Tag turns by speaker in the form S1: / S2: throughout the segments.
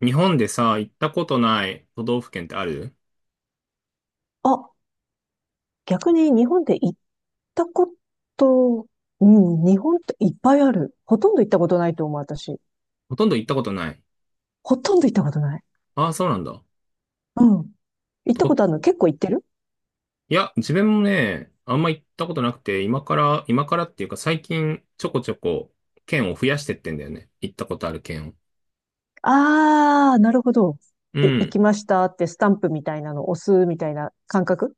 S1: 日本でさ、行ったことない都道府県ってある？
S2: あ、逆に日本で行ったこと、うん、日本っていっぱいある。ほとんど行ったことないと思う、私。
S1: ほとんど行ったことない。
S2: ほとんど行ったことない。
S1: ああ、そうなんだ。
S2: うん。行ったこ
S1: と、
S2: とあるの結構行ってる？
S1: いや、自分もね、あんま行ったことなくて、今からっていうか最近ちょこちょこ県を増やしてってんだよね。行ったことある県を。
S2: あー、なるほど。
S1: う
S2: で、行
S1: ん。
S2: きましたってスタンプみたいなの押すみたいな感覚？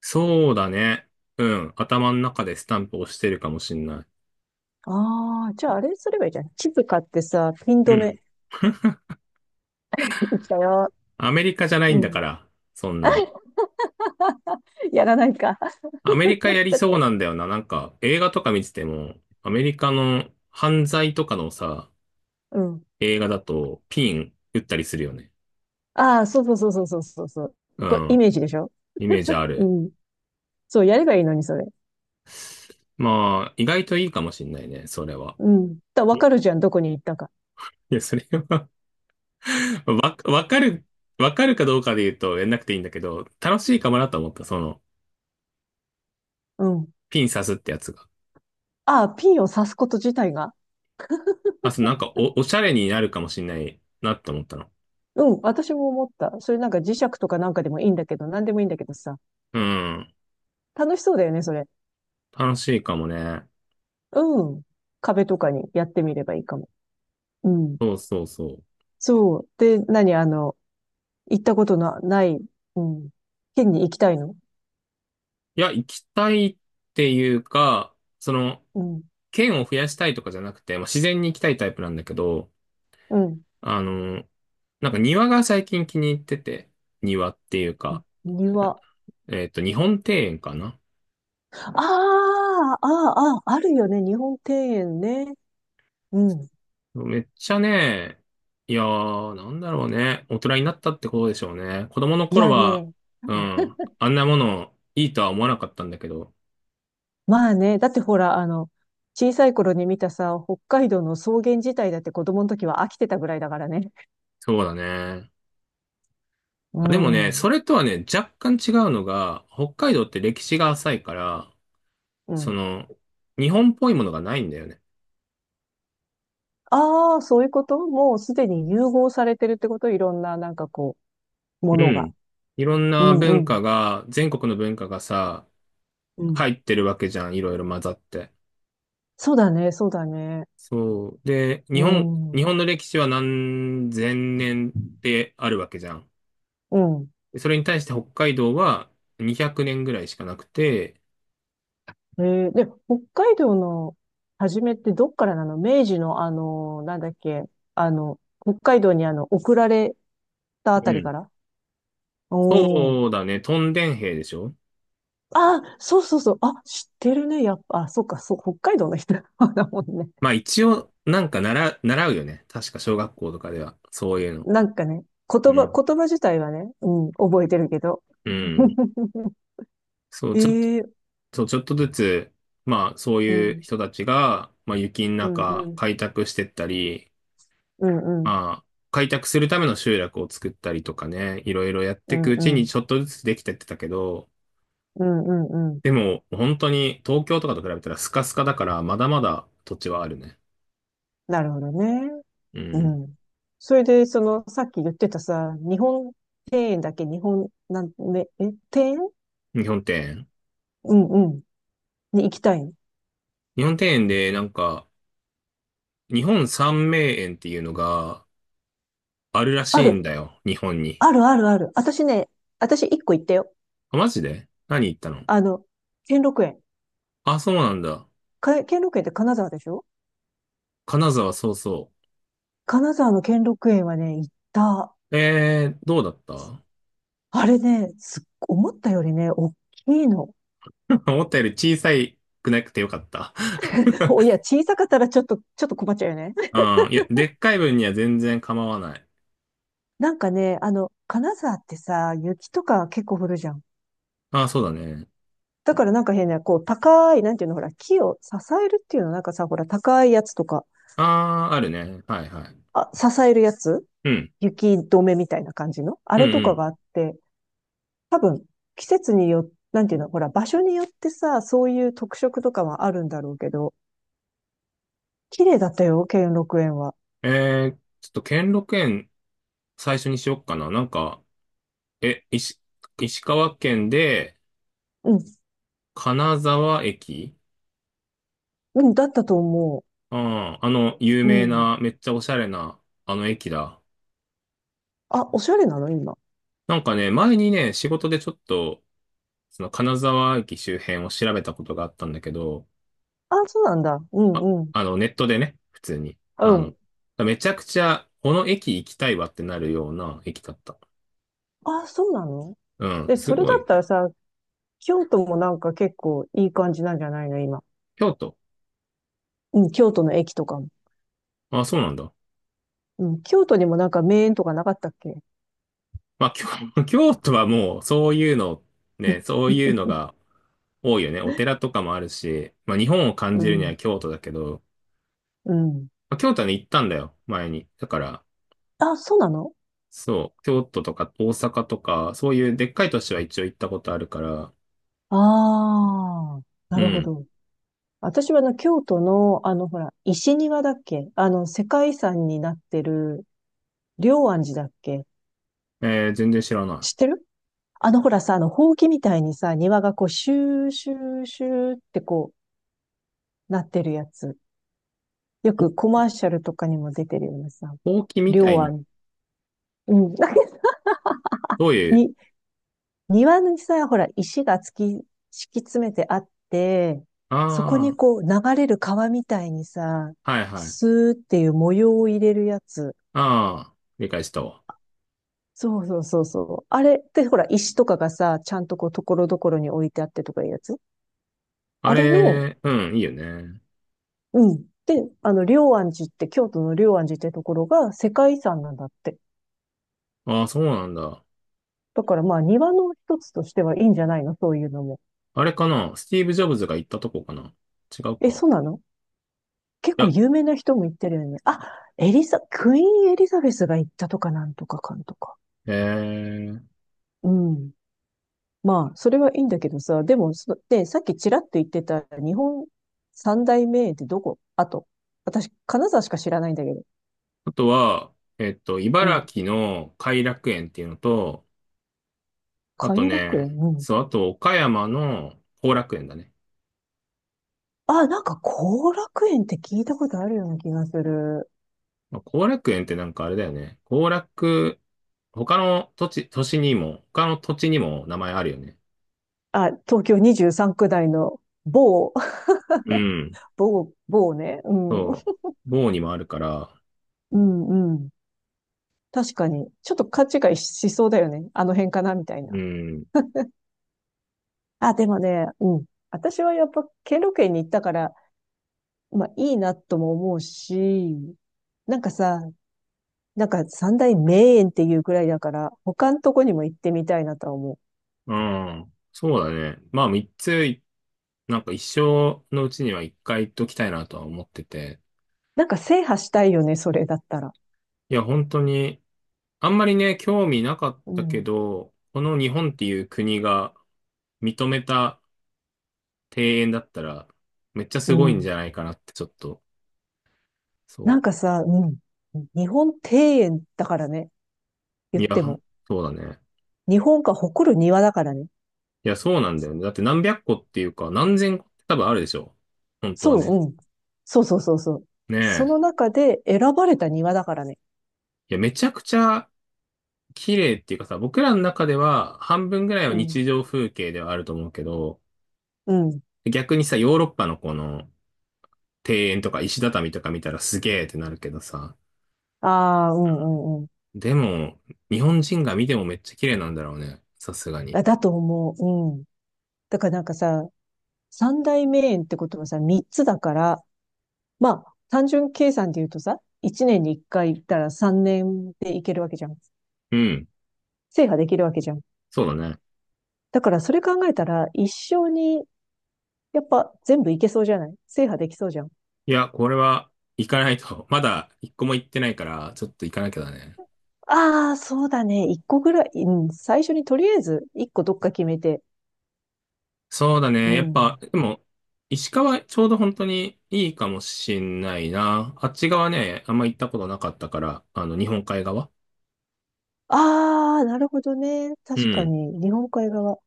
S1: そうだね。うん。頭の中でスタンプ押してるかもしんない。
S2: あー、じゃああれすればいいじゃん。地図買ってさ、ピン
S1: う
S2: 止め、
S1: ん。
S2: 行ったよ。
S1: アメリカじゃない
S2: う
S1: んだか
S2: ん。
S1: ら、そんな。
S2: やらないか。
S1: アメリカ やり
S2: だ、
S1: そうなんだよな。なんか、映画とか見てても、アメリカの犯罪とかのさ、
S2: うん。
S1: 映画だとピン打ったりするよね。
S2: あー、そうそうそうそうそうそうそう。
S1: う
S2: これイ
S1: ん。
S2: メージでしょ？
S1: イメージあ
S2: う
S1: る。
S2: ん。そう、やればいいのに、それ。
S1: まあ、意外といいかもしんないね、それは。
S2: うん。だ、わ
S1: えい
S2: かるじゃん、どこに行ったか。
S1: や、それは わ、わかる、わかるかどうかで言うとやんなくていいんだけど、楽しいかもなと思った、
S2: うん。
S1: ピン刺すってやつが。
S2: ああ、ピンを刺すこと自体が。
S1: あ、そう、なんかおしゃれになるかもしんないなって思ったの。
S2: うん、私も思った。それなんか磁石とかなんかでもいいんだけど、なんでもいいんだけどさ。
S1: うん。
S2: 楽しそうだよね、それ。
S1: 楽しいかもね。
S2: うん。壁とかにやってみればいいかも。うん。
S1: そうそうそう。
S2: そう。で、何あの、行ったことのない、うん、県に行きたいの？
S1: いや、行きたいっていうか、
S2: うん。
S1: 県を増やしたいとかじゃなくて、まあ、自然に行きたいタイプなんだけど、
S2: うん。
S1: あの、なんか庭が最近気に入ってて、庭っていうか、
S2: 庭。
S1: 日本庭園かな。
S2: ああ、ああ、ああ、あるよね。日本庭園ね。うん。
S1: めっちゃね、いやー、なんだろうね。大人になったってことでしょうね。子供の
S2: い
S1: 頃
S2: や
S1: は、
S2: ね、
S1: うん、あんなものいいとは思わなかったんだけど、
S2: まあね、だってほら、あの、小さい頃に見たさ、北海道の草原自体だって子供の時は飽きてたぐらいだからね。
S1: そうだね。
S2: う
S1: あ、でもね、
S2: ん。
S1: それとはね、若干違うのが、北海道って歴史が浅いから、
S2: う
S1: そ
S2: ん。
S1: の、日本っぽいものがないんだよね。
S2: ああ、そういうこともうすでに融合されてるってこと、いろんな、なんかこう、も
S1: う
S2: のが。
S1: ん。いろん
S2: う
S1: な
S2: んう
S1: 文
S2: ん。
S1: 化が、全国の文化がさ、
S2: うん。
S1: 入ってるわけじゃん、いろいろ混ざって。
S2: そうだね、そうだね。
S1: そう。で、
S2: う
S1: 日本、
S2: ん。
S1: 日
S2: う
S1: 本の歴史は何千年ってあるわけじゃん。
S2: ん。
S1: それに対して北海道は200年ぐらいしかなくて、
S2: えで、北海道の初めってどっからなの？明治のあの、なんだっけ、あの、北海道にあの、送られたあ
S1: う
S2: たりか
S1: ん。
S2: ら？おー。
S1: そうだね、トンデン兵でしょ？
S2: ああ、そうそうそう。あ、知ってるね。やっぱ、あ、そうか、そう、北海道の人 まだもんね。
S1: まあ一応、なんか習うよね。確か小学校とかでは、そういうの。
S2: なんかね、
S1: うん。
S2: 言葉自体はね、うん、覚えてるけど。
S1: うん。そう、ちょっと、
S2: ええ、
S1: そう、ちょっとずつ、まあそう
S2: う
S1: いう
S2: ん、
S1: 人たちが、まあ雪の
S2: うん、う
S1: 中
S2: ん、
S1: 開拓してったり、
S2: うん、うん、
S1: ああ、開拓するための集落を作ったりとかね、いろいろやっ
S2: う
S1: ていく
S2: ん、
S1: う
S2: う
S1: ち
S2: ん、
S1: に
S2: う
S1: ちょっとずつできてってたけど、
S2: ん、うんうん。
S1: でも本当に東京とかと比べたらスカスカだからまだまだ土地はあるね。
S2: なるほどね。
S1: う
S2: う
S1: ん。
S2: ん。それで、その、さっき言ってたさ、日本庭園だっけ？日本、なん、ね、え、庭園？
S1: 日本庭園。
S2: うんうん。に行きたいの。
S1: 日本庭園でなんか、日本三名園っていうのがあるらし
S2: あ
S1: いん
S2: る。
S1: だよ、日本に。
S2: あるあるある。私ね、私一個行ったよ。
S1: あ、マジで何言ったの？
S2: あの、兼六園。
S1: あ、そうなんだ。
S2: 兼六園って金沢でしょ？
S1: 金沢、そうそ
S2: 金沢の兼六園はね、行った。
S1: う。どうだった？
S2: あれね、思ったよりね、大きいの。
S1: 思ったより小さくなくてよかった。
S2: お、いや、小さかったらちょっと、ちょっと困っちゃうよね。
S1: ああ、いや、でっかい分には全然構わない。
S2: なんかね、あの、金沢ってさ、雪とか結構降るじゃん。
S1: ああ、そうだね。
S2: だからなんか変な、こう、高い、なんていうの、ほら、木を支えるっていうの、なんかさ、ほら、高いやつとか、
S1: ああ、あるね。はいはい。
S2: あ、支えるやつ、
S1: うん。
S2: 雪止めみたいな感じのあ
S1: う
S2: れとか
S1: ん
S2: があって、多分、季節によって、なんていうの、ほら、場所によってさ、そういう特色とかはあるんだろうけど、綺麗だったよ、兼六園は。
S1: うん。ちょっと兼六園最初にしよっかな。なんか、え、石、石川県で、
S2: うん。
S1: 金沢駅。
S2: うん、だったと思
S1: ああ、有
S2: う。
S1: 名
S2: うん。
S1: な、めっちゃおしゃれな、あの駅だ。
S2: あ、おしゃれなの今？
S1: なんかね、前にね、仕事でちょっと、その金沢駅周辺を調べたことがあったんだけど、
S2: あ、そうなんだ。う
S1: あ、
S2: んうん。
S1: ネットでね、普通に。
S2: うん。
S1: めちゃくちゃ、この駅行きたいわってなるような駅だった。
S2: あ、そうなの？
S1: うん、
S2: で、
S1: す
S2: それ
S1: ご
S2: だっ
S1: い。
S2: たらさ、京都もなんか結構いい感じなんじゃないの今？
S1: 京都。
S2: うん、京都の駅とかも。
S1: あ、そうなんだ。
S2: うん、京都にもなんか名園とかなかったっけ？
S1: まあ、京都はもう、そういうの、ね、そういうの が多いよね。お寺とかもあるし、まあ、日本を感
S2: う
S1: じるに
S2: ん、
S1: は京都だけど、
S2: うん。
S1: まあ、京都はね、行ったんだよ、前に。だから、
S2: あ、そうなの？
S1: そう、京都とか大阪とか、そういうでっかい都市は一応行ったことあるから、
S2: ああー、な
S1: う
S2: るほ
S1: ん。
S2: ど。私はあの、京都の、あの、ほら、石庭だっけ？あの、世界遺産になってる、龍安寺だっけ？
S1: 全然知らな
S2: 知
S1: い。
S2: ってる？あの、ほらさ、あの、ほうきみたいにさ、庭がこう、シューシューシューってこう、なってるやつ。よくコマーシャルとかにも出てるようなさ、
S1: ほうきみたい
S2: 両
S1: に、
S2: 案。うん。なんか
S1: どういう、
S2: に、庭にさ、ほら、石が敷き詰めてあって、そこに
S1: ああ、
S2: こう、流れる川みたいにさ、
S1: はいはい。
S2: スーっていう模様を入れるやつ。
S1: ああ、理解したわ。
S2: そうそうそうそう。あれってほら、石とかがさ、ちゃんとこう、ところどころに置いてあってとかいうやつ。
S1: あ
S2: あれの、
S1: れ、うん、いいよね。
S2: うん。で、あの、龍安寺って、京都の龍安寺ってところが世界遺産なんだって。
S1: ああ、そうなんだ。
S2: だからまあ、庭の一つとしてはいいんじゃないの？そういうのも。
S1: あれかな、スティーブ・ジョブズが行ったとこかな？違う
S2: え、
S1: か。
S2: そうなの？結
S1: い
S2: 構
S1: や、
S2: 有名な人も行ってるよね。あ、エリザ、クイーンエリザベスが行ったとかなんとかかんとか。
S1: えー、
S2: うん。まあ、それはいいんだけどさ、でも、さっきちらっと言ってた日本三大名園ってどこ？あと、私、金沢しか知らないんだけど。
S1: あとは、
S2: う
S1: 茨
S2: ん。
S1: 城の偕楽園っていうのと、あと
S2: 偕楽
S1: ね、
S2: 園、うん。
S1: そう、あと岡山の後楽園だね。
S2: あ、なんか後楽園って聞いたことあるような気がする。
S1: まあ、後楽園ってなんかあれだよね。他の土地、都市にも、他の土地にも名前あるよね。
S2: あ、東京23区内の某、
S1: うん、
S2: 某、某ね。うん。
S1: そう。某にもあるから、
S2: うん、うん。確かに。ちょっと勘違いしそうだよね。あの辺かなみたい
S1: う
S2: な。
S1: ん。
S2: あ、でもね、うん。私はやっぱ、兼六園に行ったから、まあ、いいなとも思うし、なんかさ、なんか三大名園っていうくらいだから、他のとこにも行ってみたいなとは思う。
S1: うん。そうだね。まあ、3つ、なんか一生のうちには1回行っときたいなとは思ってて。
S2: なんか制覇したいよね、それだったら。
S1: いや、本当に、あんまりね、興味なかっ
S2: う
S1: たけ
S2: ん。
S1: ど、この日本っていう国が認めた庭園だったら、めっちゃ
S2: う
S1: すごいんじ
S2: ん。
S1: ゃないかなってちょっと、
S2: な
S1: そ
S2: んかさ、うん。日本庭園だからね、
S1: う。
S2: 言
S1: い
S2: っ
S1: や、
S2: ても。
S1: そうだね。
S2: 日本が誇る庭だからね。
S1: いや、そうなんだよね。だって何百個っていうか、何千個って多分あるでしょ？本当は
S2: そ
S1: ね。
S2: う、うん。そうそうそうそう。
S1: ね
S2: その
S1: え。
S2: 中で選ばれた庭だからね。
S1: いや、めちゃくちゃ綺麗っていうかさ、僕らの中では半分ぐらいは
S2: うん。
S1: 日常風景ではあると思うけど、
S2: うん。
S1: 逆にさ、ヨーロッパのこの庭園とか石畳とか見たらすげーってなるけどさ、
S2: ああ、うんうんうん。
S1: でも、日本人が見てもめっちゃ綺麗なんだろうね。さすがに。
S2: あ、だと思う。うん。だからなんかさ、三大名園ってことはさ、三つだから、まあ、単純計算で言うとさ、一年に一回行ったら三年で行けるわけじゃん。
S1: うん。
S2: 制覇できるわけじゃん。
S1: そうだね。
S2: だからそれ考えたら、一生に、やっぱ全部行けそうじゃない？制覇できそうじゃん。
S1: いや、これは行かないと。まだ一個も行ってないから、ちょっと行かなきゃだね。
S2: ああ、そうだね。一個ぐらい、うん、最初にとりあえず一個どっか決めて。
S1: そうだ
S2: う
S1: ね。やっ
S2: ん。
S1: ぱ、でも、石川ちょうど本当にいいかもしんないな。あっち側ね、あんま行ったことなかったから、日本海側。
S2: ああ、なるほどね。
S1: う
S2: 確か
S1: ん。
S2: に、日本海側。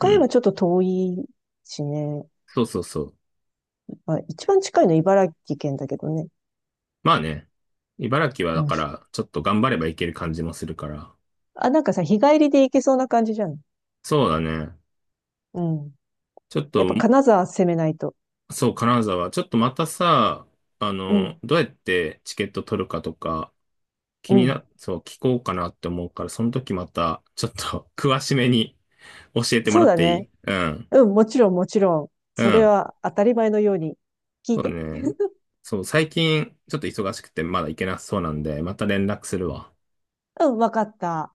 S1: う
S2: 山
S1: ん。
S2: ちょっと遠いしね。
S1: そうそうそう。
S2: まあ、一番近いのは茨城県だけどね。
S1: まあね。茨城は
S2: う
S1: だ
S2: ん。
S1: から、ちょっと頑張ればいける感じもするから。
S2: あ、なんかさ、日帰りで行けそうな感じじゃん。
S1: そうだね。
S2: うん。
S1: ちょっ
S2: やっ
S1: と、
S2: ぱ金沢攻めないと。
S1: そう、金沢。ちょっとまたさ、
S2: うん。
S1: どうやってチケット取るかとか、気
S2: う
S1: に
S2: ん。
S1: な、そう、聞こうかなって思うから、その時また、ちょっと 詳しめに 教えても
S2: そう
S1: らっ
S2: だ
S1: てい
S2: ね。
S1: い？うん。
S2: うん、もちろん、もちろん。
S1: う
S2: それ
S1: ん。
S2: は当たり前のように。聞い
S1: そう
S2: て。
S1: ね。そう、最近、ちょっと忙しくて、まだ行けなそうなんで、また連絡するわ。
S2: うん、わかった。